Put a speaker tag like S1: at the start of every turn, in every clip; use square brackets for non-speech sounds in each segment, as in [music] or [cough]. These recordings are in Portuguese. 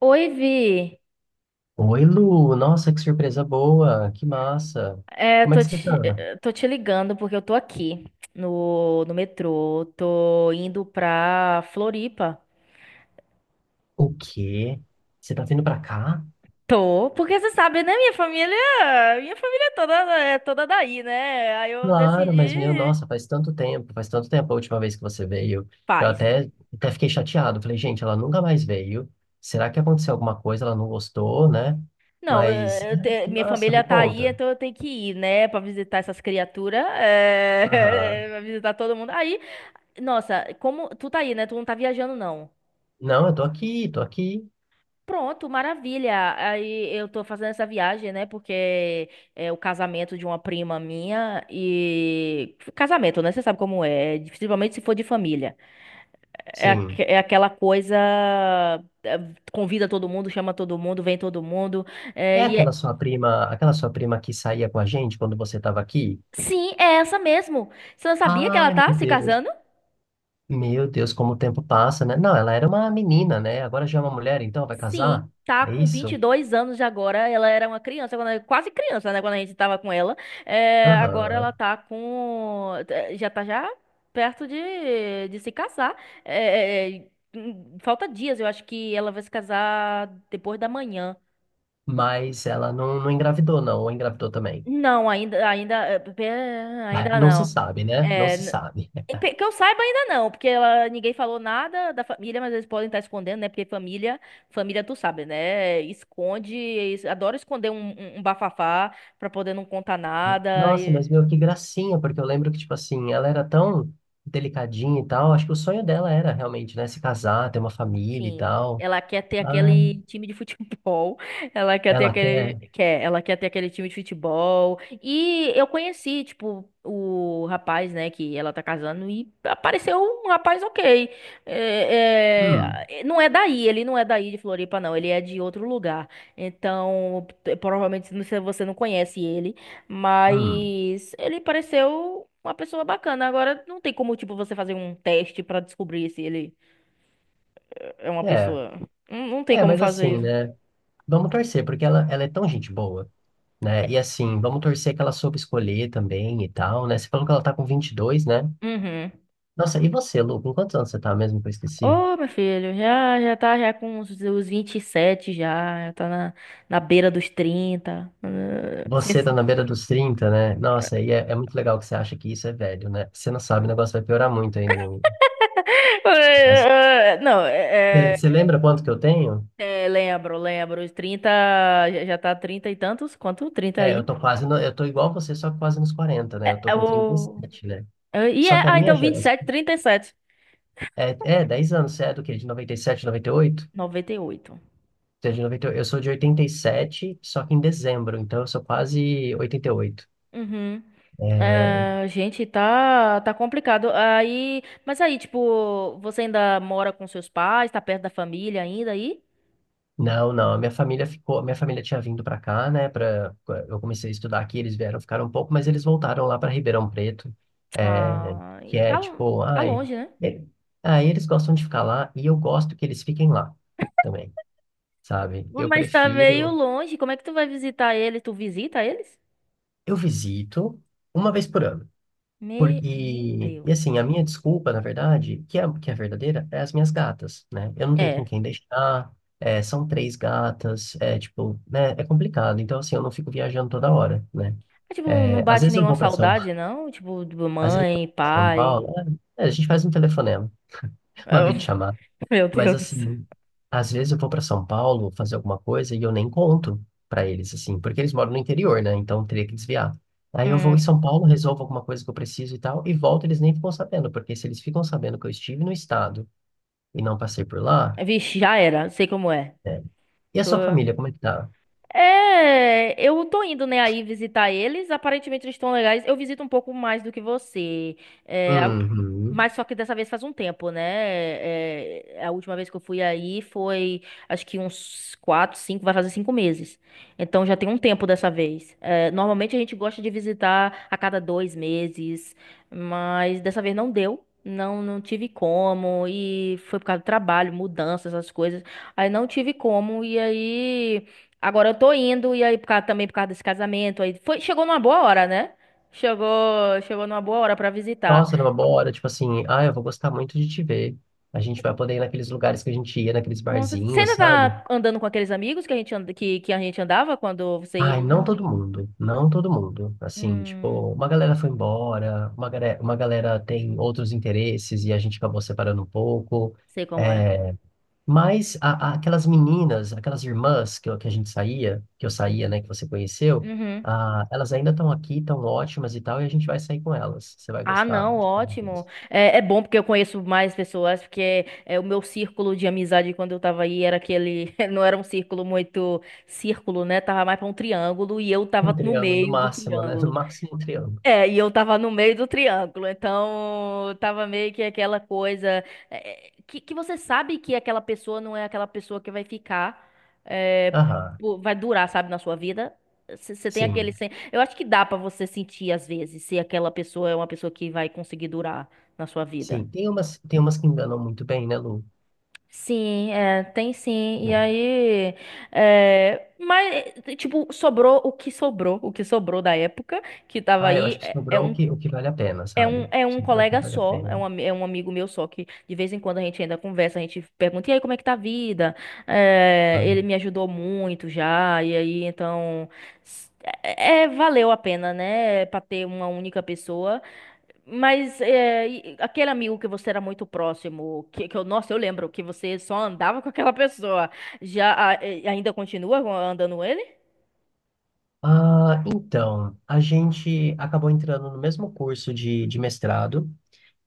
S1: Oi, Vi.
S2: Oi, Lu. Nossa, que surpresa boa. Que massa.
S1: É,
S2: Como é
S1: tô
S2: que você
S1: te,
S2: tá?
S1: tô te ligando porque eu tô aqui no metrô. Tô indo pra Floripa.
S2: O quê? Você tá vindo pra cá?
S1: Tô, porque você sabe, né? Minha família, minha família é toda é toda daí, né? Aí eu
S2: Claro, mas meu,
S1: decidi.
S2: nossa, faz tanto tempo a última vez que você veio. Eu
S1: Paz.
S2: até fiquei chateado. Falei, gente, ela nunca mais veio. Será que aconteceu alguma coisa? Ela não gostou, né?
S1: Não,
S2: Mas, ai, que
S1: minha
S2: massa,
S1: família
S2: me
S1: tá aí,
S2: conta.
S1: então eu tenho que ir, né? Pra visitar essas criaturas. É,
S2: Aham.
S1: [laughs] pra visitar todo mundo. Aí, nossa, como tu tá aí, né? Tu não tá viajando, não.
S2: Não, eu tô aqui, tô aqui.
S1: Pronto, maravilha. Aí eu tô fazendo essa viagem, né? Porque é o casamento de uma prima minha e casamento, né? Você sabe como é, principalmente se for de família. É,
S2: Sim.
S1: é aquela coisa, é, convida todo mundo, chama todo mundo, vem todo mundo. É,
S2: É aquela sua prima que saía com a gente quando você tava aqui?
S1: sim, é essa mesmo. Você não sabia que ela
S2: Ai, meu
S1: tá se
S2: Deus.
S1: casando?
S2: Meu Deus, como o tempo passa, né? Não, ela era uma menina, né? Agora já é uma mulher, então vai
S1: Sim,
S2: casar?
S1: tá
S2: É
S1: com vinte e
S2: isso?
S1: dois anos de agora. Ela era uma criança, quase criança, né? Quando a gente tava com ela. É, agora ela
S2: Aham.
S1: tá com. Já tá já perto de se casar. É, é, é, falta dias, eu acho que ela vai se casar depois da manhã.
S2: Mas ela não, não engravidou, não, ou engravidou também.
S1: Não,
S2: [laughs]
S1: ainda
S2: Não se
S1: não.
S2: sabe, né? Não se sabe.
S1: Que eu saiba ainda não, porque ela, ninguém falou nada da família, mas eles podem estar escondendo, né? Porque família, família tu sabe, né? Esconde, adora esconder um, um bafafá pra poder não contar nada.
S2: Nossa, mas meu, que gracinha, porque eu lembro que, tipo assim, ela era tão delicadinha e tal. Acho que o sonho dela era realmente, né? Se casar, ter uma família e
S1: Sim.
S2: tal.
S1: Ela quer ter
S2: Ah,
S1: aquele time de futebol. [laughs] Ela quer ter
S2: ela
S1: aquele.
S2: quer.
S1: Quer, ela quer ter aquele time de futebol. E eu conheci, tipo, o rapaz, né, que ela tá casando, e apareceu um rapaz ok. É,
S2: Hum,
S1: é, não é daí, ele não é daí de Floripa, não. Ele é de outro lugar. Então, provavelmente você não conhece ele,
S2: hum.
S1: mas ele pareceu uma pessoa bacana. Agora, não tem como, tipo, você fazer um teste pra descobrir se ele é uma
S2: É,
S1: pessoa. Não, não tem
S2: é,
S1: como
S2: mas
S1: fazer
S2: assim,
S1: isso.
S2: né? Vamos torcer, porque ela é tão gente boa. Né? E assim, vamos torcer que ela soube escolher também e tal, né? Você falou que ela tá com 22, né?
S1: Uhum.
S2: Nossa, e você, Lu, com quantos anos você tá mesmo que eu esqueci?
S1: Ô, meu filho, já tá já com os 27 já, já tá na, na beira dos 30.
S2: Você tá na beira dos 30, né? Nossa, e é, é muito legal que você acha que isso é velho, né? Você não sabe, o negócio vai piorar muito ainda, meu amigo.
S1: [laughs]
S2: Mas,
S1: Ah, não,
S2: é,
S1: é, é,
S2: você lembra quanto que eu tenho?
S1: é, lembro, lembro, os 30 já, já tá 30 e tantos, quanto 30
S2: É, eu
S1: aí?
S2: tô quase, eu tô igual você, só que quase nos 40, né? Eu tô
S1: É
S2: com trinta e
S1: o...
S2: sete né?
S1: É, e
S2: Só que
S1: é,
S2: a
S1: ah,
S2: minha
S1: então vinte e
S2: geração...
S1: sete, 37,
S2: É, é 10 anos, você é do quê? De 97, 98?
S1: 98.
S2: Você é de 98? Eu sou de 87 só que em dezembro, então eu sou quase oitenta e oito.
S1: Uhum.
S2: É,
S1: Ah, gente, tá, tá complicado. Aí, mas aí, tipo, você ainda mora com seus pais, tá perto da família ainda aí?
S2: não, não, a minha família ficou, a minha família tinha vindo para cá, né, para eu comecei a estudar aqui, eles vieram, ficaram um pouco, mas eles voltaram lá para Ribeirão Preto, é,
S1: Ah, e
S2: que é
S1: tá,
S2: tipo,
S1: tá
S2: ai,
S1: longe, né?
S2: ele- aí eles gostam de ficar lá e eu gosto que eles fiquem lá também, sabe? Eu
S1: Mas tá meio
S2: prefiro,
S1: longe. Como é que tu vai visitar eles? Tu visita eles?
S2: eu visito uma vez por ano. Por,
S1: Meu
S2: e
S1: Deus.
S2: assim, a minha desculpa, na verdade, que é verdadeira, é as minhas gatas, né? Eu não tenho com
S1: É.
S2: quem deixar, é, são três gatas, é tipo, né? É complicado. Então, assim, eu não fico viajando toda hora, né?
S1: Mas, tipo,
S2: É,
S1: não bate nenhuma saudade, não? Tipo, de
S2: às vezes eu vou
S1: mãe,
S2: pra São
S1: pai.
S2: Paulo, é, a gente faz um telefonema, uma
S1: Ah,
S2: videochamada.
S1: [laughs] Meu
S2: Mas
S1: Deus do céu.
S2: assim, às vezes eu vou para São Paulo fazer alguma coisa e eu nem conto para eles, assim, porque eles moram no interior, né? Então teria que desviar. Aí eu vou em
S1: Hum.
S2: São Paulo, resolvo alguma coisa que eu preciso e tal, e volto, eles nem ficam sabendo, porque se eles ficam sabendo que eu estive no estado e não passei por lá,
S1: Vixe, já era. Sei como é.
S2: né? E a
S1: Tô.
S2: sua família, como é que tá?
S1: É, eu tô indo, né, aí visitar eles. Aparentemente eles estão legais. Eu visito um pouco mais do que você. É,
S2: Uhum.
S1: mas só que dessa vez faz um tempo, né? É, é, a última vez que eu fui aí foi, acho que uns 4, 5, vai fazer 5 meses. Então já tem um tempo dessa vez. É, normalmente a gente gosta de visitar a cada 2 meses, mas dessa vez não deu. Não, não tive como, e foi por causa do trabalho, mudanças, essas coisas. Aí não tive como, e aí. Agora eu tô indo, e aí também por causa desse casamento, aí foi, chegou numa boa hora, né? Chegou, chegou numa boa hora pra visitar.
S2: Nossa, numa boa hora, tipo assim, ah, eu vou gostar muito de te ver. A gente vai poder ir naqueles lugares que a gente ia, naqueles
S1: Você
S2: barzinhos,
S1: ainda
S2: sabe?
S1: tá andando com aqueles amigos que a gente, que a gente andava quando você ia
S2: Ai,
S1: aí?
S2: não todo mundo, não todo mundo. Assim,
S1: Hum,
S2: tipo, uma galera foi embora, uma galera tem outros interesses e a gente acabou separando um pouco.
S1: sei como é.
S2: É, mas aquelas meninas, aquelas irmãs que, que a gente saía, que eu saía, né, que você conheceu,
S1: Uhum.
S2: ah, elas ainda estão aqui, estão ótimas e tal, e a gente vai sair com elas. Você vai
S1: Ah,
S2: gostar.
S1: não,
S2: de-
S1: ótimo. É, é bom porque eu conheço mais pessoas, porque é, o meu círculo de amizade quando eu tava aí era aquele, [laughs] não era um círculo muito círculo, né? Tava mais pra um triângulo e eu
S2: Um
S1: tava no
S2: triângulo no
S1: meio do
S2: máximo, né? No
S1: triângulo.
S2: máximo um triângulo.
S1: É, e eu tava no meio do triângulo, então tava meio que aquela coisa, é, é, que você sabe que aquela pessoa não é aquela pessoa que vai ficar, é,
S2: Aham,
S1: pô, vai durar, sabe, na sua vida. Você tem aquele.
S2: sim,
S1: Eu acho que dá pra você sentir às vezes se aquela pessoa é uma pessoa que vai conseguir durar na sua vida.
S2: sim. Tem umas que enganam muito bem, né, Lu?
S1: Sim, é, tem sim. E aí, é, mas, tipo, sobrou o que sobrou, o que sobrou da época que tava
S2: Ah, eu
S1: aí.
S2: acho que sobrou o que, o que vale a pena, sabe?
S1: É um
S2: Sobrou o que
S1: colega
S2: vale a
S1: só, é
S2: pena.
S1: um, é um amigo meu só, que de vez em quando a gente ainda conversa, a gente pergunta, e aí, como é que tá a vida? Eh, ele me ajudou muito já, e aí, então, s- é, valeu a pena, né, pra ter uma única pessoa, mas aquele amigo que você era muito próximo, que eu, nossa, eu lembro que você só andava com aquela pessoa, já ainda continua andando ele?
S2: Ah, então, a gente acabou entrando no mesmo curso de mestrado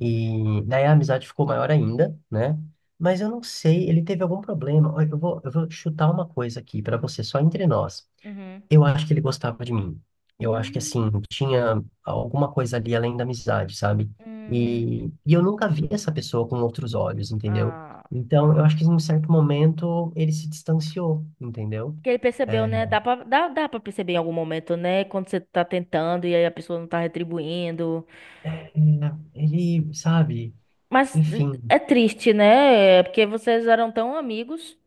S2: e daí a amizade ficou maior ainda, né? Mas eu não sei, ele teve algum problema. Olha, eu vou chutar uma coisa aqui para você, só entre nós.
S1: Uhum.
S2: Eu acho que ele gostava de mim. Eu acho que, assim,
S1: Uh,
S2: tinha alguma coisa ali além da amizade, sabe?
S1: hum,
S2: E eu nunca vi essa pessoa com outros olhos, entendeu?
S1: ah.
S2: Então, eu acho que em um certo momento ele se distanciou, entendeu?
S1: Porque ele percebeu,
S2: É,
S1: né? Dá pra, dá, dá pra perceber em algum momento, né? Quando você tá tentando e aí a pessoa não tá retribuindo.
S2: é, ele, sabe?
S1: Mas
S2: Enfim,
S1: é triste, né? É porque vocês eram tão amigos.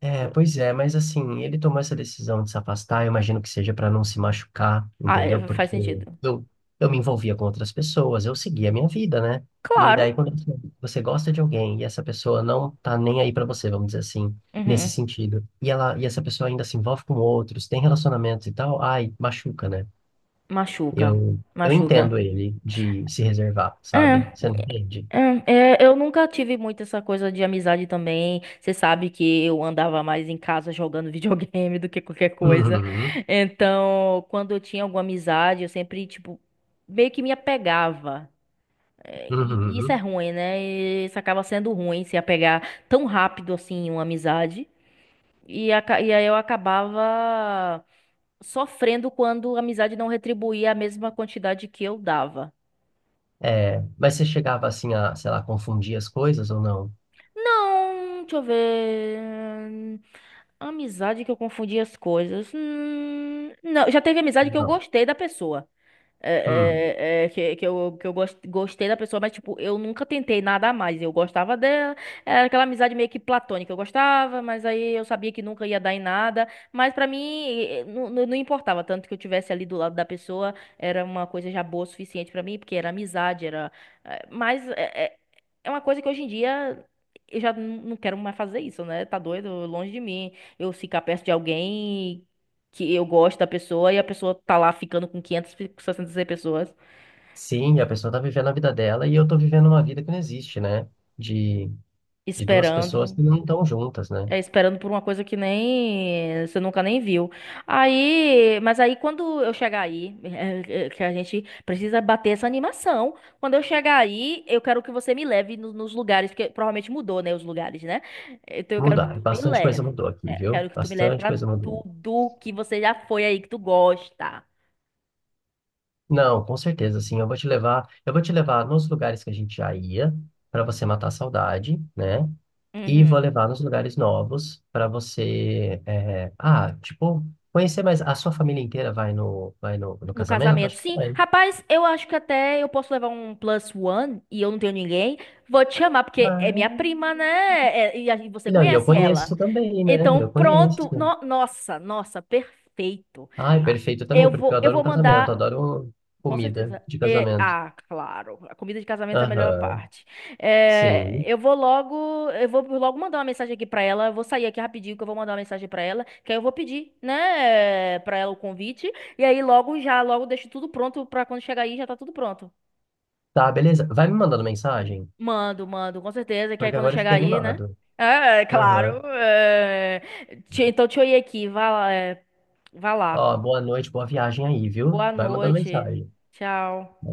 S2: é, pois é, mas assim, ele tomou essa decisão de se afastar, eu imagino que seja para não se machucar,
S1: Ah,
S2: entendeu?
S1: é, faz
S2: Porque
S1: sentido.
S2: eu, eu me envolvia com outras pessoas, eu seguia a minha vida, né? E
S1: Claro.
S2: daí, quando você gosta de alguém e essa pessoa não tá nem aí para você, vamos dizer assim, nesse
S1: Uhum.
S2: sentido, e essa pessoa ainda se envolve com outros, tem relacionamentos e tal, ai, machuca, né?
S1: Machuca.
S2: Eu
S1: Machuca.
S2: entendo ele de se reservar,
S1: É,
S2: sabe? Você não entende?
S1: é, é, eu nunca tive muito essa coisa de amizade também. Você sabe que eu andava mais em casa jogando videogame [laughs] do que qualquer coisa.
S2: Uhum,
S1: Então, quando eu tinha alguma amizade, eu sempre, tipo, meio que me apegava. É, e isso é
S2: uhum.
S1: ruim, né? E isso acaba sendo ruim se apegar tão rápido assim em uma amizade. E, e aí eu acabava sofrendo quando a amizade não retribuía a mesma quantidade que eu dava.
S2: É, mas você chegava assim a, sei lá, confundir as coisas ou não?
S1: Não, deixa eu ver. Amizade que eu confundi as coisas. Não, já teve amizade que eu
S2: Não.
S1: gostei da pessoa.
S2: Hum.
S1: É, é, é, que eu, gostei da pessoa, mas, tipo, eu nunca tentei nada a mais. Eu gostava dela, era aquela amizade meio que platônica. Eu gostava, mas aí eu sabia que nunca ia dar em nada. Mas pra mim, não, não importava. Tanto que eu tivesse ali do lado da pessoa, era uma coisa já boa o suficiente pra mim, porque era amizade, era. Mas é, é, é uma coisa que hoje em dia. Eu já não quero mais fazer isso, né? Tá doido, longe de mim. Eu ficar perto de alguém que eu gosto da pessoa e a pessoa tá lá ficando com 500, 600 pessoas
S2: Sim, a pessoa tá vivendo a vida dela e eu tô vivendo uma vida que não existe, né? De, de duas pessoas
S1: esperando,
S2: que não estão juntas, né?
S1: é, esperando por uma coisa que nem você nunca nem viu. Aí, mas aí quando eu chegar aí, [laughs] é, é, que a gente precisa bater essa animação. Quando eu chegar aí, eu quero que você me leve nos lugares, porque provavelmente mudou, né, os lugares, né? Então eu quero que
S2: Mudar.
S1: tu me
S2: Bastante coisa
S1: leve.
S2: mudou aqui,
S1: É,
S2: viu?
S1: quero que tu me leve
S2: Bastante
S1: pra
S2: coisa mudou.
S1: tudo que você já foi aí que tu gosta.
S2: Não, com certeza, sim. Eu vou te levar, eu vou te levar nos lugares que a gente já ia para você matar a saudade, né? E
S1: Uhum.
S2: vou levar nos lugares novos para você, é, ah, tipo, conhecer mais. A sua família inteira vai no
S1: No
S2: casamento?
S1: casamento,
S2: Acho que
S1: sim.
S2: vai.
S1: Rapaz, eu acho que até eu posso levar um plus one e eu não tenho ninguém. Vou te chamar, porque é minha
S2: Ah,
S1: prima, né? E você
S2: não, e eu
S1: conhece ela.
S2: conheço também, né? Eu
S1: Então,
S2: conheço.
S1: pronto. Nossa, nossa, perfeito.
S2: Ai,
S1: Ah,
S2: perfeito
S1: eu
S2: também, porque eu
S1: vou, eu
S2: adoro
S1: vou
S2: um casamento, eu
S1: mandar.
S2: adoro
S1: Com
S2: comida
S1: certeza.
S2: de
S1: E,
S2: casamento.
S1: ah, claro. A comida de casamento é a melhor
S2: Aham,
S1: parte. É,
S2: sim.
S1: eu vou logo mandar uma mensagem aqui pra ela. Eu vou sair aqui rapidinho que eu vou mandar uma mensagem pra ela, que aí eu vou pedir, né, pra ela o convite. E aí logo já, logo deixo tudo pronto pra quando chegar aí já tá tudo pronto.
S2: Tá, beleza. Vai me mandando mensagem,
S1: Mando, mando, com certeza. Que aí
S2: porque
S1: quando
S2: agora eu
S1: chegar
S2: fiquei
S1: aí, né?
S2: animado.
S1: É, é, claro.
S2: Aham.
S1: É. Então, te olhei aqui. Vá lá, é, vá lá.
S2: Ó, boa noite, boa viagem aí, viu?
S1: Boa
S2: Vai mandando
S1: noite.
S2: mensagem.
S1: Tchau.